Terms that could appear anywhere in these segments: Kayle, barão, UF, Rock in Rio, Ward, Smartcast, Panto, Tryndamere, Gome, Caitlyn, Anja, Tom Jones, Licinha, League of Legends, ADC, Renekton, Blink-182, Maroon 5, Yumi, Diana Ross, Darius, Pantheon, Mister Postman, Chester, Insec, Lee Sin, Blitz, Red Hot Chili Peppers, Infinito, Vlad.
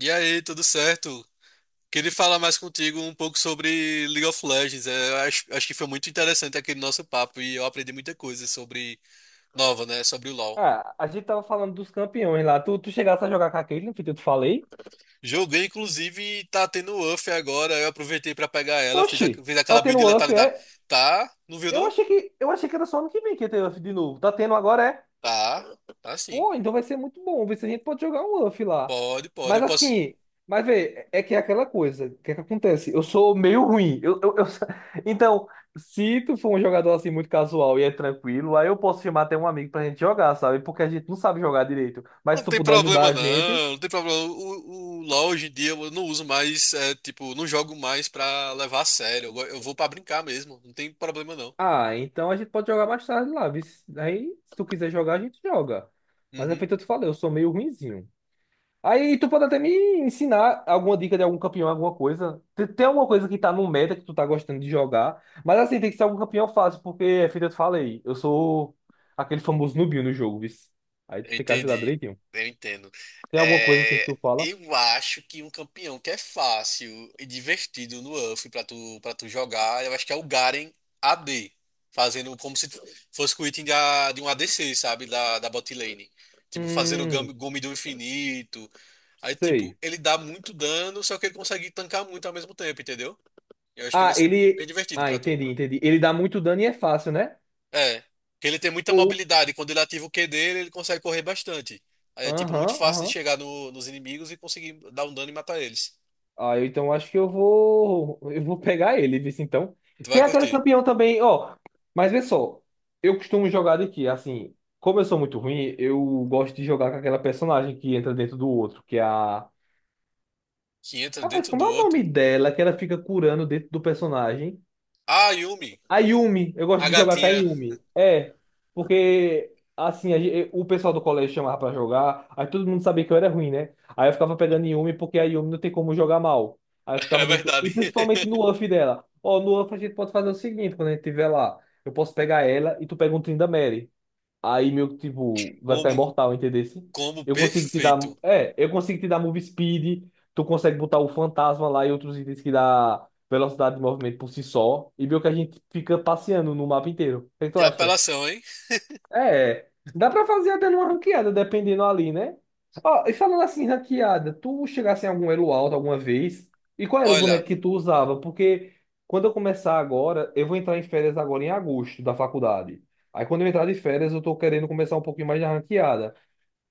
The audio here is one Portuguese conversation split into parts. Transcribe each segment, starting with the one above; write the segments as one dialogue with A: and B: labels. A: E aí, tudo certo? Queria falar mais contigo um pouco sobre League of Legends. É, eu acho que foi muito interessante aquele nosso papo e eu aprendi muita coisa sobre nova, né? Sobre o LoL.
B: Ah, a gente tava falando dos campeões lá. Tu chegasse a jogar com a Caitlyn, que eu te falei.
A: Joguei, inclusive, tá tendo UF agora. Eu aproveitei pra pegar ela, fiz, a,
B: Oxi,
A: fiz
B: tá
A: aquela build
B: tendo
A: de
B: UF,
A: letalidade.
B: é?
A: Tá? Não viu,
B: Eu
A: não?
B: achei que, eu achei que era só ano que vem que ia ter UF de novo. Tá tendo agora, é?
A: Tá, tá sim.
B: Pô, então vai ser muito bom. Ver se a gente pode jogar um UF lá.
A: Pode, pode. Eu
B: Mas
A: posso.
B: assim, mas vê, é que é aquela coisa. O que é que acontece? Eu sou meio ruim. Então, se tu for um jogador assim muito casual e é tranquilo, aí eu posso chamar até um amigo pra gente jogar, sabe? Porque a gente não sabe jogar direito. Mas
A: Não
B: se tu
A: tem
B: puder ajudar
A: problema,
B: a gente.
A: não. Não tem problema. O LoL hoje em dia eu não uso mais, é, tipo, não jogo mais pra levar a sério. Eu vou pra brincar mesmo. Não tem problema, não.
B: Ah, então a gente pode jogar mais tarde lá, viu? Aí, se tu quiser jogar, a gente joga. Mas é
A: Uhum,
B: feito eu te falei, eu sou meio ruinzinho. Aí tu pode até me ensinar alguma dica de algum campeão, alguma coisa. Tem alguma coisa que tá no meta que tu tá gostando de jogar. Mas assim, tem que ser algum campeão fácil, porque é feito eu te falei, eu sou aquele famoso nubinho no jogo, viu? Aí tu
A: eu
B: tem que ajudar
A: entendi,
B: direitinho.
A: eu entendo.
B: Tem alguma coisa assim que
A: É,
B: tu fala?
A: eu acho que um campeão que é fácil e divertido no UF para tu jogar, eu acho que é o Garen AD, fazendo como se fosse o item de um ADC, sabe, da bot lane. Tipo, fazendo o
B: Hum,
A: Gome do Infinito. Aí, tipo,
B: sei.
A: ele dá muito dano, só que ele consegue tancar muito ao mesmo tempo, entendeu? Eu acho que vai
B: Ah,
A: ser bem
B: ele.
A: divertido
B: Ah,
A: pra tu.
B: entendi, entendi. Ele dá muito dano e é fácil, né?
A: É, porque ele tem muita
B: Ou.
A: mobilidade. Quando ele ativa o Q dele, ele consegue correr bastante. Aí é tipo muito
B: Aham,
A: fácil de
B: aham.
A: chegar nos inimigos e conseguir dar um dano e matar eles.
B: Ah, eu então acho que eu vou. Eu vou pegar ele, viu? Então.
A: Tu vai
B: Tem aquele
A: curtir.
B: campeão também, ó. Mas vê só, eu costumo jogar de assim, como eu sou muito ruim, eu gosto de jogar com aquela personagem que entra dentro do outro, que é a.
A: Que entra
B: Rapaz,
A: dentro
B: como
A: do
B: é o nome
A: outro.
B: dela? Que ela fica curando dentro do personagem.
A: Ah, Yumi,
B: A Yumi, eu gosto
A: a
B: de jogar com a
A: gatinha.
B: Yumi. É, porque assim, o pessoal do colégio chamava pra jogar, aí todo mundo sabia que eu era ruim, né? Aí eu ficava pegando Yumi porque a Yumi não tem como jogar mal. Aí eu
A: É
B: ficava dentro, e
A: verdade.
B: principalmente no UF dela. Ó, no UF a gente pode fazer o seguinte, quando a gente tiver lá, eu posso pegar ela e tu pega um Tryndamere. Aí meio que, tipo, vai ficar
A: Combo,
B: imortal, entendeu?
A: combo
B: Eu consigo te dar.
A: perfeito.
B: É, eu consigo te dar move speed. Tu consegue botar o fantasma lá e outros itens que dá velocidade de movimento por si só. E meio que a gente fica passeando no mapa inteiro. O que é que tu
A: Que
B: acha?
A: apelação, hein?
B: É, dá pra fazer até numa ranqueada, dependendo ali, né? Ó, e falando assim, ranqueada, tu chegasse em algum elo alto alguma vez? E qual era o
A: Olha.
B: boneco que tu usava? Porque quando eu começar agora, eu vou entrar em férias agora em agosto da faculdade. Aí quando eu entrar de férias, eu tô querendo começar um pouquinho mais de ranqueada.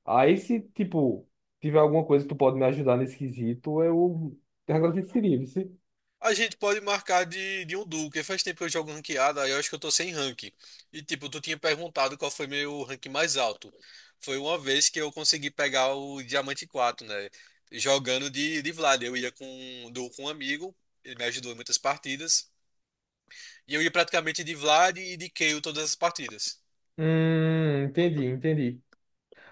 B: Aí se, tipo, tiver alguma coisa que tu pode me ajudar nesse quesito, eu te agradeceria, viu?
A: A gente pode marcar de um duo, porque faz tempo que eu jogo ranqueada, aí eu acho que eu tô sem rank. E tipo, tu tinha perguntado qual foi meu rank mais alto. Foi uma vez que eu consegui pegar o Diamante quatro, né? Jogando de Vlad. Eu ia com um duo com um amigo, ele me ajudou em muitas partidas. E eu ia praticamente de Vlad e de Kayle todas as partidas.
B: Entendi, entendi.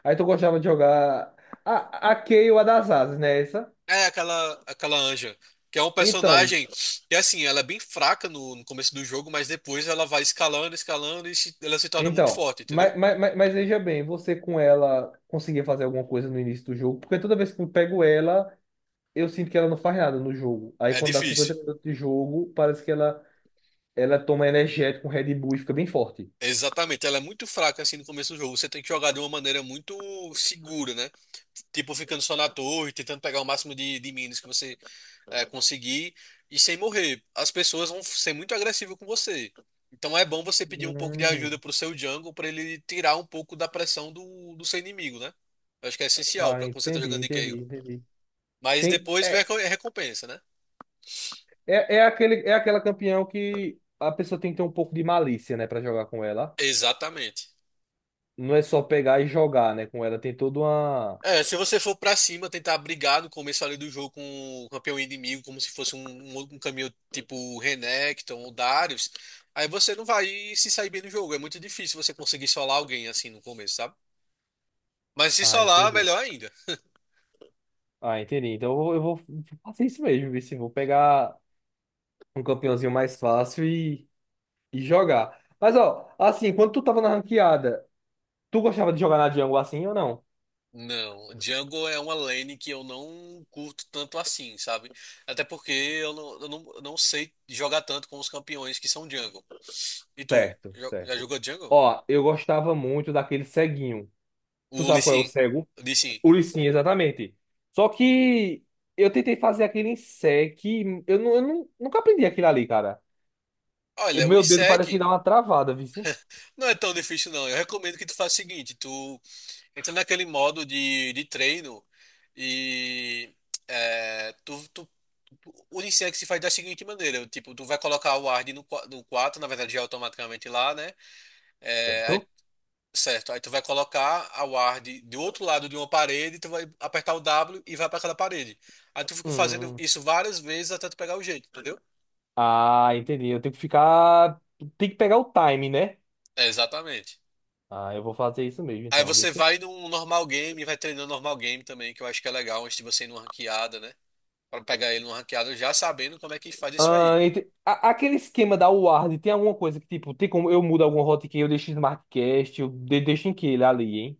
B: Aí tu gostava de jogar a Kayle, a das asas, né? Essa?
A: É aquela Anja, que é um
B: Então,
A: personagem que assim, ela é bem fraca no começo do jogo, mas depois ela vai escalando, escalando e ela se torna muito
B: Então,
A: forte, entendeu?
B: mas veja bem, você com ela conseguia fazer alguma coisa no início do jogo? Porque toda vez que eu pego ela, eu sinto que ela não faz nada no jogo. Aí
A: É
B: quando dá
A: difícil.
B: 50 minutos de jogo, parece que ela toma energético, um Red Bull e fica bem forte.
A: Exatamente, ela é muito fraca assim no começo do jogo. Você tem que jogar de uma maneira muito segura, né? Tipo, ficando só na torre, tentando pegar o máximo de minas que você conseguir e sem morrer. As pessoas vão ser muito agressivas com você. Então é bom você pedir um pouco de ajuda
B: Hum.
A: pro seu jungle pra ele tirar um pouco da pressão do seu inimigo, né? Eu acho que é essencial
B: Ah,
A: pra quando você tá
B: entendi,
A: jogando de Kayle.
B: entendi, entendi.
A: Mas
B: Tem,
A: depois vem
B: é,
A: a recompensa, né?
B: é, é, aquele, é aquela campeão que a pessoa tem que ter um pouco de malícia, né, pra jogar com ela.
A: Exatamente.
B: Não é só pegar e jogar, né, com ela. Tem toda uma.
A: É, se você for pra cima, tentar brigar no começo ali do jogo com o campeão inimigo, como se fosse um caminho tipo Renekton ou Darius, aí você não vai se sair bem no jogo. É muito difícil você conseguir solar alguém assim no começo, sabe? Mas se
B: Ah,
A: solar,
B: entendi.
A: melhor ainda.
B: Ah, entendi. Então eu vou fazer isso mesmo, viu? Se vou pegar um campeãozinho mais fácil e jogar. Mas, ó, assim, quando tu tava na ranqueada, tu gostava de jogar na jungle assim ou não?
A: Não, jungle é uma lane que eu não curto tanto assim, sabe? Até porque eu não sei jogar tanto com os campeões que são jungle. E tu,
B: Certo,
A: já
B: certo.
A: jogou jungle?
B: Ó, eu gostava muito daquele ceguinho. Tu
A: O Lee
B: sabe qual é o
A: Sin.
B: cego?
A: O Lee Sin.
B: O Licinha, exatamente. Só que eu tentei fazer aquele em sec, eu não, nunca aprendi aquilo ali, cara. E
A: Olha, o
B: meu dedo parece que
A: Insec.
B: dá uma travada, viu? Sim?
A: Não é tão difícil, não. Eu recomendo que tu faça o seguinte, tu entra naquele modo de treino e é, tu, tu, o Unisex se faz da seguinte maneira, tipo, tu vai colocar o Ward no 4, na verdade já é automaticamente lá, né? É, aí-
B: Certo?
A: certo, aí tu vai colocar a Ward do outro lado de uma parede, tu vai apertar o W e vai para aquela parede. Aí tu fica fazendo
B: Hum.
A: isso várias vezes até tu pegar o jeito, entendeu?
B: Ah, entendi. Eu tenho que ficar. Tem que pegar o time, né?
A: É, exatamente.
B: Ah, eu vou fazer isso mesmo,
A: Aí
B: então. Vê
A: você
B: se...
A: vai num normal game, e vai treinando normal game também, que eu acho que é legal antes de você ir numa ranqueada, né? Pra pegar ele numa ranqueada já sabendo como é que faz isso
B: Ah,
A: aí.
B: Aquele esquema da Ward tem alguma coisa que, tipo, tem como eu mudo alguma hotkey, eu deixo em SmartCast, eu deixo em que ele ali, hein?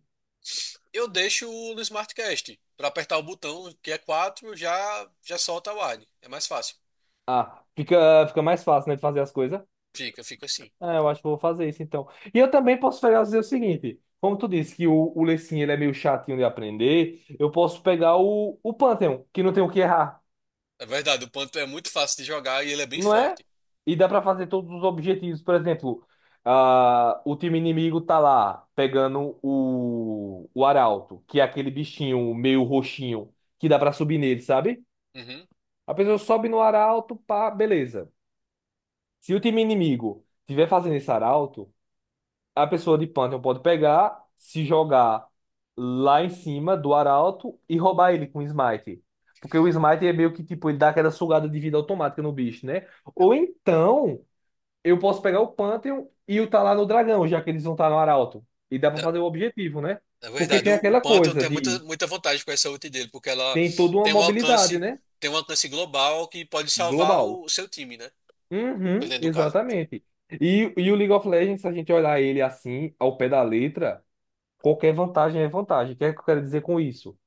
A: Eu deixo no Smartcast, pra apertar o botão que é 4 já já solta o Ward. É mais fácil.
B: Ah, fica mais fácil, né, de fazer as coisas.
A: Fica, fica assim.
B: Ah, eu acho que eu vou fazer isso, então. E eu também posso fazer o seguinte. Como tu disse que o Lecinho, ele é meio chatinho de aprender, eu posso pegar o Pantheon, que não tem o que errar.
A: É verdade, o Panto é muito fácil de jogar e ele é bem
B: Não é?
A: forte.
B: E dá pra fazer todos os objetivos. Por exemplo, ah, o time inimigo tá lá pegando o arauto, que é aquele bichinho meio roxinho que dá pra subir nele, sabe?
A: Uhum.
B: A pessoa sobe no arauto, pá, beleza. Se o time inimigo tiver fazendo esse arauto, a pessoa de Pantheon pode pegar, se jogar lá em cima do arauto e roubar ele com smite. Porque o smite é meio que tipo, ele dá aquela sugada de vida automática no bicho, né?
A: É,
B: Ou então. Eu posso pegar o Pantheon e o tá lá no dragão, já que eles vão estar no Arauto. E dá pra
A: é
B: fazer o objetivo, né?
A: é
B: Porque
A: verdade,
B: tem
A: o
B: aquela
A: Panto
B: coisa
A: tem muita,
B: de.
A: muita vantagem com essa ult dele, porque ela
B: Tem toda uma
A: tem um
B: mobilidade,
A: alcance,
B: né?
A: tem um alcance global que pode salvar
B: Global.
A: o seu time, né?
B: Uhum,
A: Dependendo do caso.
B: exatamente. E o League of Legends, se a gente olhar ele assim, ao pé da letra, qualquer vantagem é vantagem. O que é que eu quero dizer com isso?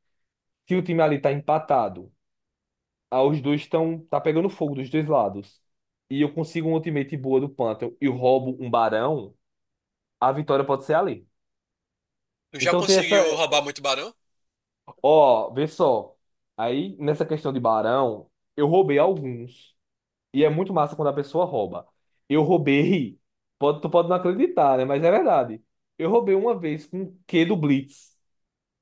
B: Se o time ali tá empatado, ah, os dois estão. Tá pegando fogo dos dois lados. E eu consigo um ultimate boa do Pantheon e roubo um barão, a vitória pode ser ali.
A: Tu já
B: Então tem essa.
A: conseguiu roubar muito barão?
B: Ó, vê só. Aí, nessa questão de barão, eu roubei alguns. E é muito massa quando a pessoa rouba. Eu roubei. Tu pode não acreditar, né? Mas é verdade. Eu roubei uma vez com o Q do Blitz.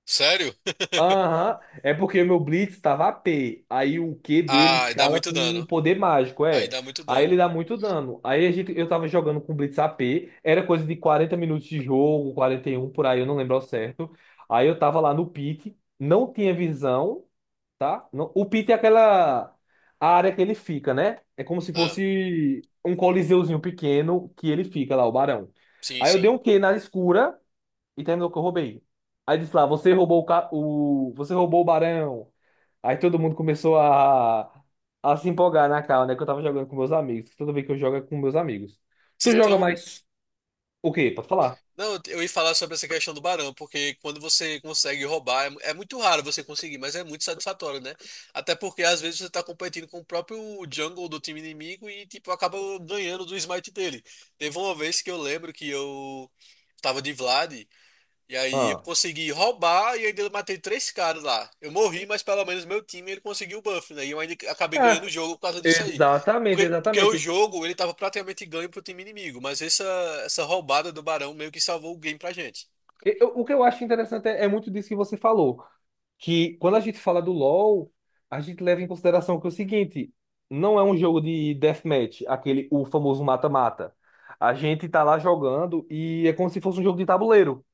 A: Sério?
B: Aham. É porque o meu Blitz tava AP. Aí o Q dele
A: Ah, dá
B: escala
A: muito
B: com um
A: dano.
B: poder mágico,
A: Aí
B: é.
A: dá muito
B: Aí ele
A: dano.
B: dá muito dano. Eu tava jogando com Blitz AP. Era coisa de 40 minutos de jogo, 41 por aí, eu não lembro ao certo. Aí eu tava lá no pique, não tinha visão, tá? Não. O pit é aquela a área que ele fica, né? É como se
A: Ah,
B: fosse um coliseuzinho pequeno que ele fica lá, o barão.
A: sim,
B: Aí eu
A: sim.
B: dei um Q na escura e terminou que eu roubei. Aí disse lá, você roubou o barão. Aí todo mundo começou a se empolgar na cara, né? Que eu tava jogando com meus amigos. Tudo bem que eu jogo é com meus amigos.
A: Se
B: Tu
A: tem
B: joga
A: um...
B: mais o quê? Pode falar.
A: Não, eu ia falar sobre essa questão do barão, porque quando você consegue roubar, é muito raro você conseguir, mas é muito satisfatório, né? Até porque às vezes você tá competindo com o próprio jungle do time inimigo e, tipo, acaba ganhando do smite dele. Teve uma vez que eu lembro que eu tava de Vlad. E aí eu
B: Ah.
A: consegui roubar e ainda eu matei três caras lá. Eu morri, mas pelo menos meu time ele conseguiu o buff, né? E eu ainda acabei ganhando
B: Ah,
A: o jogo por causa disso aí.
B: exatamente,
A: Porque o
B: exatamente.
A: jogo ele tava praticamente ganho pro time inimigo, mas essa roubada do Barão meio que salvou o game pra gente.
B: O que eu acho interessante é muito disso que você falou, que quando a gente fala do LoL, a gente leva em consideração que é o seguinte, não é um jogo de deathmatch, aquele o famoso mata-mata. A gente tá lá jogando e é como se fosse um jogo de tabuleiro.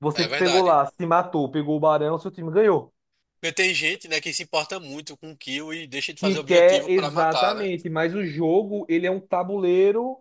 B: Você
A: É
B: pegou
A: verdade.
B: lá, se matou, pegou o barão, seu time ganhou.
A: Porque tem gente, né, que se importa muito com kill e deixa de
B: Que
A: fazer
B: quer
A: objetivo pra matar, né?
B: exatamente, mas o jogo, ele é um tabuleiro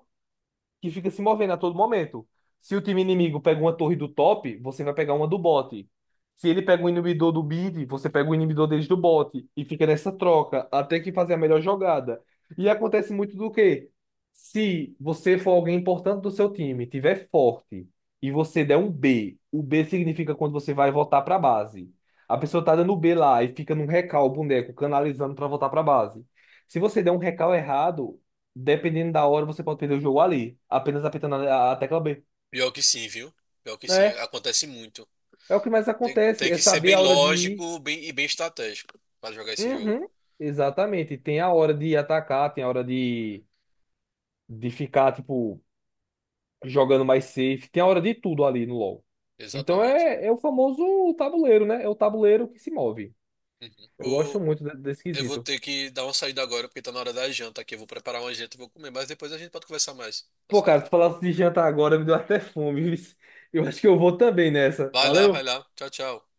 B: que fica se movendo a todo momento. Se o time inimigo pega uma torre do top, você vai pegar uma do bot. Se ele pega um inibidor do mid, você pega o inibidor deles do bot. E fica nessa troca até que fazer a melhor jogada. E acontece muito do quê? Se você for alguém importante do seu time, tiver forte e você der um B, o B significa quando você vai voltar para base. A pessoa tá dando B lá e fica num recal o boneco canalizando para voltar para base. Se você der um recal errado, dependendo da hora, você pode perder o jogo ali, apenas apertando a tecla B.
A: Pior que sim, viu? Pior que sim,
B: É,
A: acontece muito.
B: é o que mais
A: Tem,
B: acontece,
A: tem
B: é
A: que ser
B: saber
A: bem
B: a hora de ir.
A: lógico, bem e bem estratégico pra jogar esse jogo.
B: Uhum, exatamente. Tem a hora de atacar, tem a hora de ficar, tipo, jogando mais safe, tem a hora de tudo ali no LoL. Então
A: Exatamente.
B: é o famoso tabuleiro, né? É o tabuleiro que se move. Eu
A: Uhum.
B: gosto muito desse
A: Eu vou
B: quesito.
A: ter que dar uma saída agora, porque tá na hora da janta aqui. Eu vou preparar uma janta e vou comer, mas depois a gente pode conversar mais, tá
B: Pô,
A: certo?
B: cara, tu falasse de jantar agora, me deu até fome. Eu acho que eu vou também nessa.
A: Vai lá, vai
B: Valeu?
A: lá. Tchau, tchau.